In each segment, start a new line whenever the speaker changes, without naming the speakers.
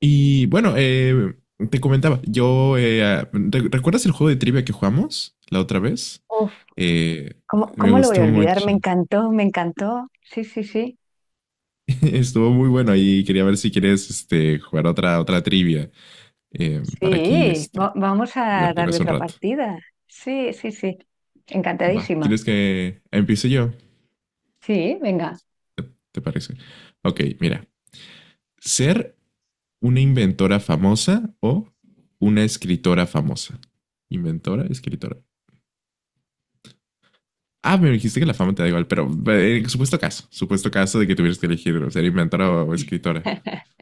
Y bueno, te comentaba, yo, ¿recuerdas el juego de trivia que jugamos la otra vez?
Uf,
Eh,
¿cómo,
Me
cómo lo voy a
gustó
olvidar? Me
mucho.
encantó, me encantó. Sí, sí, sí.
Estuvo muy bueno y quería ver si quieres este, jugar otra trivia para aquí
Sí,
este,
vamos a darle
divertirnos un
otra
rato.
partida. Sí, sí, sí.
Va,
Encantadísima.
¿quieres que empiece yo?
Sí, venga.
¿Te parece? Ok, mira, ser una inventora famosa o una escritora famosa. Inventora, escritora. Ah, me dijiste que la fama te da igual, pero en supuesto caso de que tuvieras que elegir ser inventora o escritora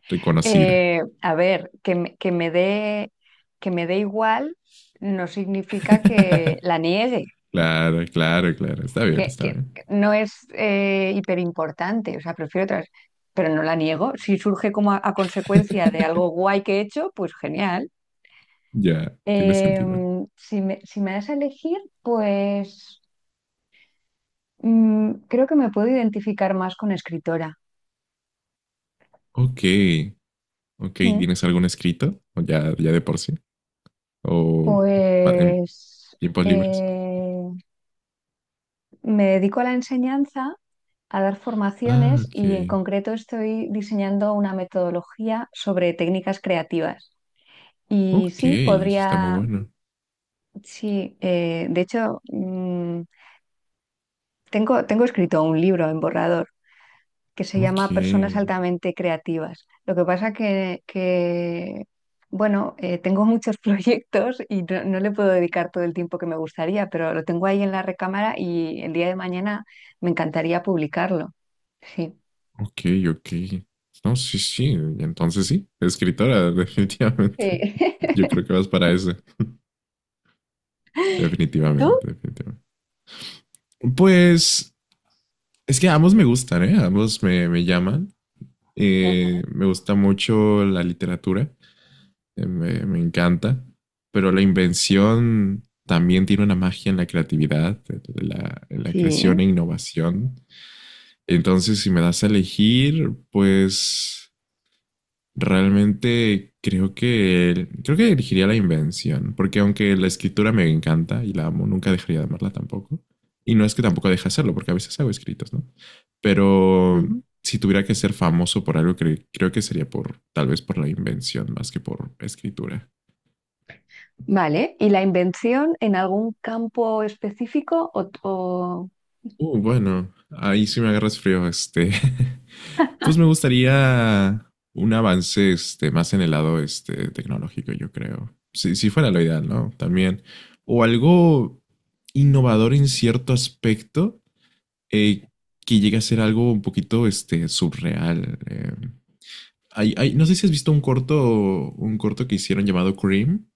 reconocida.
A ver, que me dé igual no significa que la niegue,
Claro, claro, claro. Está bien, está
que
bien.
no es hiperimportante, o sea, prefiero otras, pero no la niego. Si surge como a consecuencia de algo guay que he hecho, pues genial.
Ya, tiene sentido.
Si me das a elegir, pues creo que me puedo identificar más con escritora.
Ok, ok.
Mm.
¿Tienes algún escrito? ¿O ya, ya de por sí? ¿O en
Pues
tiempos libres?
eh, me dedico a la enseñanza, a dar
Ah,
formaciones
ok.
y en concreto estoy diseñando una metodología sobre técnicas creativas. Y
Ok,
sí,
eso está muy
podría,
bueno.
sí, de hecho, mm, tengo escrito un libro en borrador que se
Ok.
llama Personas altamente creativas. Lo que pasa que, bueno, tengo muchos proyectos y no, no le puedo dedicar todo el tiempo que me gustaría, pero lo tengo ahí en la recámara y el día de mañana me encantaría publicarlo. Sí.
Ok, ok. No, sí, sí. Entonces sí, escritora, definitivamente.
Sí.
Yo creo que vas para eso.
¿Y tú?
Definitivamente, definitivamente. Pues es que ambos me gustan, ¿eh? Ambos me llaman.
Ujú.
Me gusta mucho la literatura. Me encanta. Pero la invención también tiene una magia en la creatividad, en en la
Sí.
creación e innovación. Entonces, si me das a elegir, pues realmente creo que elegiría la invención, porque aunque la escritura me encanta y la amo, nunca dejaría de amarla tampoco. Y no es que tampoco deje de hacerlo, porque a veces hago escritos, ¿no? Pero
Ujú.
si tuviera que ser famoso por algo, creo que sería por tal vez por la invención más que por escritura.
Vale. ¿Y la invención en algún campo específico o,
Bueno, ahí sí me agarras frío, este. Pues me gustaría un avance este, más en el lado este, tecnológico, yo creo. Si fuera lo ideal, ¿no? También. O algo innovador en cierto aspecto eh, que llegue a ser algo un poquito este, surreal. No sé si has visto un corto que hicieron llamado Cream,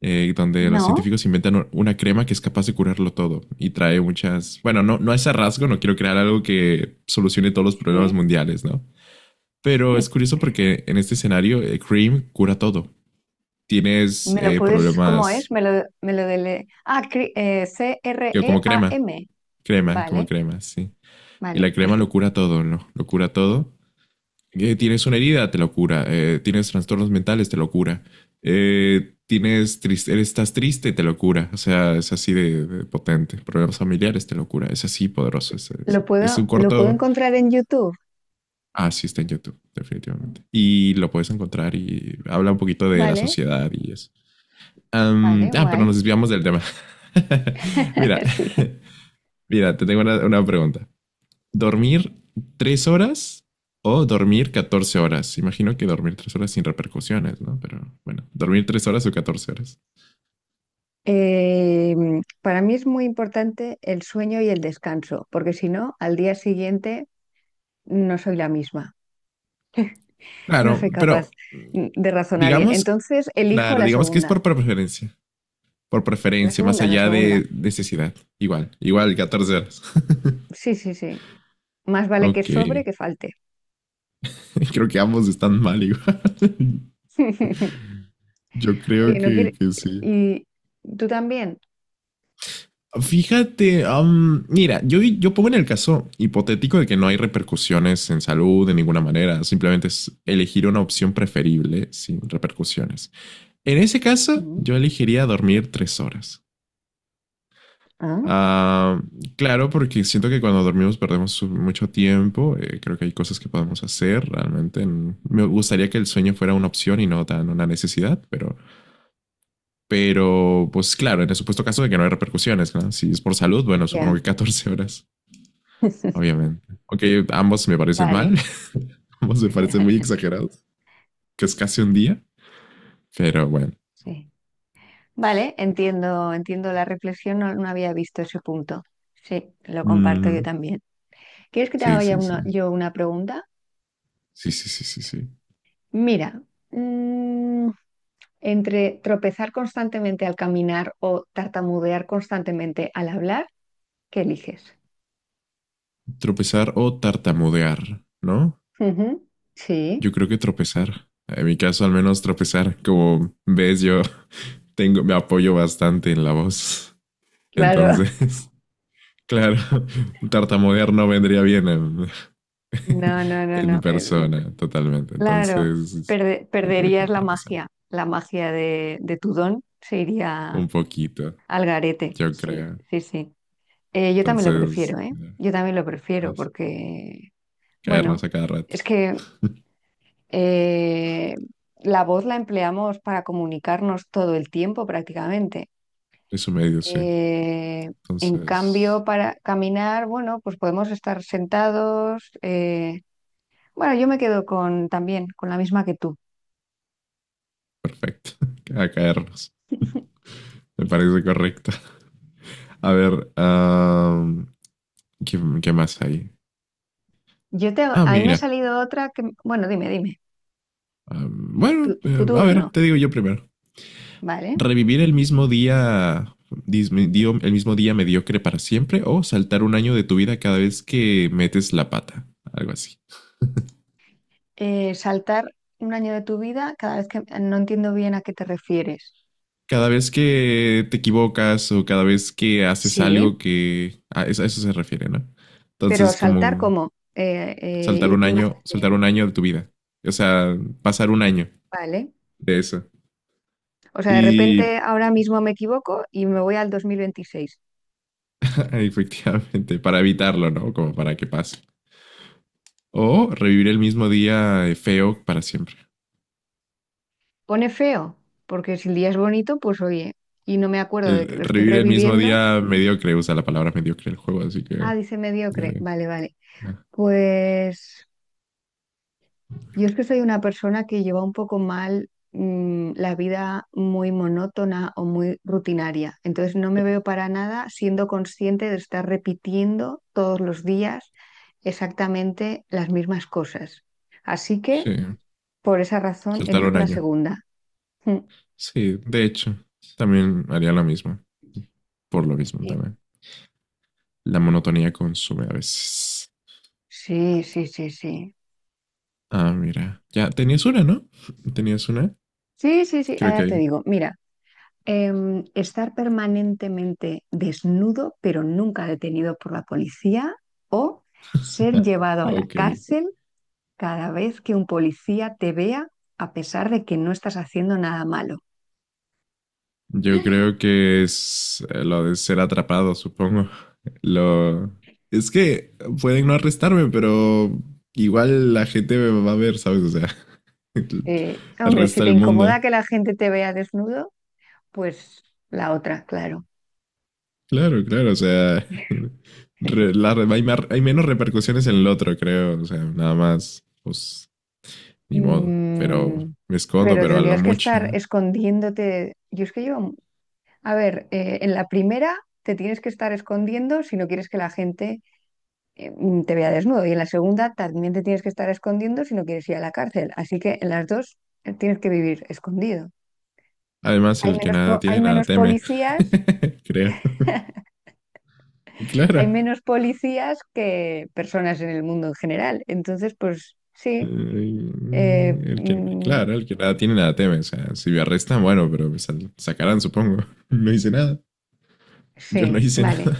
donde los
no?
científicos inventan una crema que es capaz de curarlo todo y trae muchas. Bueno, no, no es a rasgo, no quiero crear algo que solucione todos los problemas
Sí.
mundiales, ¿no? Pero es curioso porque en este escenario Cream cura todo. Tienes
¿Me lo puedes, cómo es?
problemas
Me lo, Ah,
que como crema,
Cream.
como
Vale,
crema, sí. Y la
vale,
crema lo
perfecto.
cura todo, ¿no? Lo cura todo. Tienes una herida, te lo cura. Tienes trastornos mentales, te lo cura. Tienes triste, estás triste, te lo cura. O sea, es así de potente. Problemas familiares, te lo cura. Es así poderoso. Es un
Lo puedo
corto.
encontrar en YouTube,
Ah, sí, está en YouTube, definitivamente. Y lo puedes encontrar y habla un poquito de la
¿vale?
sociedad y eso.
Vale,
Pero
guay.
nos desviamos del tema. Mira,
Sí.
mira, te tengo una pregunta. ¿Dormir tres horas o dormir 14 horas? Imagino que dormir tres horas sin repercusiones, ¿no? Pero bueno, dormir tres horas o 14 horas.
Eh, para mí es muy importante el sueño y el descanso, porque si no, al día siguiente no soy la misma, no
Claro,
soy capaz
pero
de razonar bien.
digamos,
Entonces, elijo
claro,
la
digamos que es
segunda,
por preferencia. Por
la
preferencia, más
segunda, la
allá
segunda.
de necesidad. Igual, igual, 14 horas.
Sí, sí, sí. Más vale que
Ok,
sobre que falte.
creo que ambos están mal igual. Yo creo
Oye, no quiere...
que sí.
¿Y tú también?
Fíjate, mira, yo pongo en el caso hipotético de que no hay repercusiones en salud de ninguna manera, simplemente es elegir una opción preferible sin repercusiones. En ese caso,
Mm.
yo elegiría dormir tres horas.
Ah,
Ah, claro, porque siento que cuando dormimos perdemos mucho tiempo, creo que hay cosas que podemos hacer realmente. Me gustaría que el sueño fuera una opción y no tan una necesidad, pero. Pero, pues claro, en el supuesto caso de que no hay repercusiones, ¿no? Si es por salud, bueno, supongo
ya.
que 14 horas. Obviamente. Ok, ambos me parecen mal.
Vale.
Ambos me parecen muy exagerados. Que es casi un día. Pero bueno.
Sí. Vale, entiendo, entiendo la reflexión, no, no había visto ese punto. Sí, lo comparto yo
Mm,
también. ¿Quieres que te
sí,
haga ya
sí, sí.
yo una pregunta?
Sí, sí, sí, sí, sí.
Mira, mm, entre tropezar constantemente al caminar o tartamudear constantemente al hablar, ¿qué eliges?
Tropezar o tartamudear, ¿no?
Ujú. Sí,
Yo creo que tropezar. En mi caso, al menos tropezar. Como ves, yo tengo, me apoyo bastante en la voz.
claro.
Entonces, claro, tartamudear no vendría bien en,
No, no, no,
en mi
no.
persona, totalmente.
Claro,
Entonces, yo creo que
perderías
tropezar.
la magia de tu don se iría
Un poquito,
al garete.
yo
Sí,
creo.
sí, sí. Yo también lo
Entonces,
prefiero, ¿eh? Yo también lo prefiero
as-
porque,
caernos
bueno,
a cada rato.
es que eh, la voz la empleamos para comunicarnos todo el tiempo prácticamente.
Es un medio, sí.
Eh, en cambio,
Entonces,
para caminar, bueno, pues podemos estar sentados. Bueno, yo me quedo con también con la misma que tú.
perfecto. A caernos. Me parece correcto. A ver, am, qué más hay?
A
Ah,
mí me ha
mira.
salido otra que, bueno, dime, dime,
Am, bueno,
tu
a
turno,
ver, te digo yo primero.
¿vale?
¿Revivir el mismo día, el mismo día mediocre para siempre o saltar un año de tu vida cada vez que metes la pata? Algo así.
Saltar un año de tu vida, cada vez que no entiendo bien a qué te refieres.
Cada vez que te equivocas o cada vez que haces
Sí,
algo que a eso se refiere, ¿no?
pero
Entonces,
saltar
como
como imagínate,
saltar un año de tu vida. O sea, pasar un año
vale.
de eso.
O sea, de repente
Y
ahora mismo me equivoco y me voy al 2026.
efectivamente, para evitarlo, ¿no? Como para que pase. O revivir el mismo día feo para siempre.
Pone feo, porque si el día es bonito, pues oye, y no me acuerdo de que lo estoy
Revivir el mismo
reviviendo.
día mediocre, usa la palabra mediocre el juego, así que.
Ah, dice
ya
mediocre.
de-
Vale, vale.
ah,
Pues yo es que soy una persona que lleva un poco mal la vida muy monótona o muy rutinaria. Entonces no me veo para nada siendo consciente de estar repitiendo todos los días exactamente las mismas cosas. Así que
sí,
por esa razón
saltar un
elijo la
año.
segunda. Mm.
Sí, de hecho, también haría lo mismo. Por lo mismo
Sí.
también. La monotonía consume a veces.
Sí, sí, sí, sí.
Ah, mira. Ya, tenías una, ¿no? ¿Tenías una?
Sí, sí, sí,
Creo
ah,
que
ya te
ahí.
digo. Mira. Estar permanentemente desnudo, pero nunca detenido por la policía, o ser llevado a la
Ok.
cárcel cada vez que un policía te vea, a pesar de que no estás haciendo nada malo.
Yo creo que es lo de ser atrapado, supongo. Lo. Es que pueden no arrestarme, pero igual la gente me va a ver, ¿sabes? O sea, el
Hombre, si
resto
te
del
incomoda
mundo.
que la gente te vea desnudo, pues la otra, claro.
Claro, claro, o sea, hay menos repercusiones en el otro, creo. O sea, nada más, pues ni modo, pero
Mm,
me escondo,
pero
pero a lo
tendrías que
mucho.
estar
¿No?
escondiéndote. Yo es que yo, a ver, en la primera te tienes que estar escondiendo si no quieres que la gente te vea desnudo. Y en la segunda también te tienes que estar escondiendo si no quieres ir a la cárcel. Así que en las dos tienes que vivir escondido.
Además,
Hay
el que
menos,
nada tiene, nada teme, creo.
hay
Claro.
menos policías que personas en el mundo en general. Entonces, pues sí,
Eh,
eh,
el que,
mm,
claro, el que nada tiene, nada teme. O sea, si me arrestan, bueno, pero me sacarán, supongo. No hice nada. Yo no
sí,
hice nada.
vale.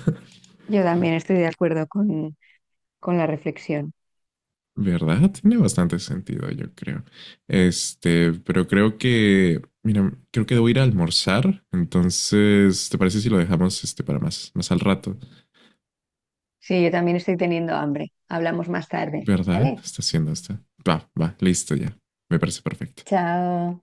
Yo también estoy de acuerdo con la reflexión.
¿Verdad? Tiene bastante sentido, yo creo. Este, pero creo que, mira, creo que debo ir a almorzar. Entonces, ¿te parece si lo dejamos este para más, más al rato?
Sí, yo también estoy teniendo hambre. Hablamos más tarde,
¿Verdad?
¿vale?
Está haciendo esto. Va, va, listo ya. Me parece perfecto.
Chao.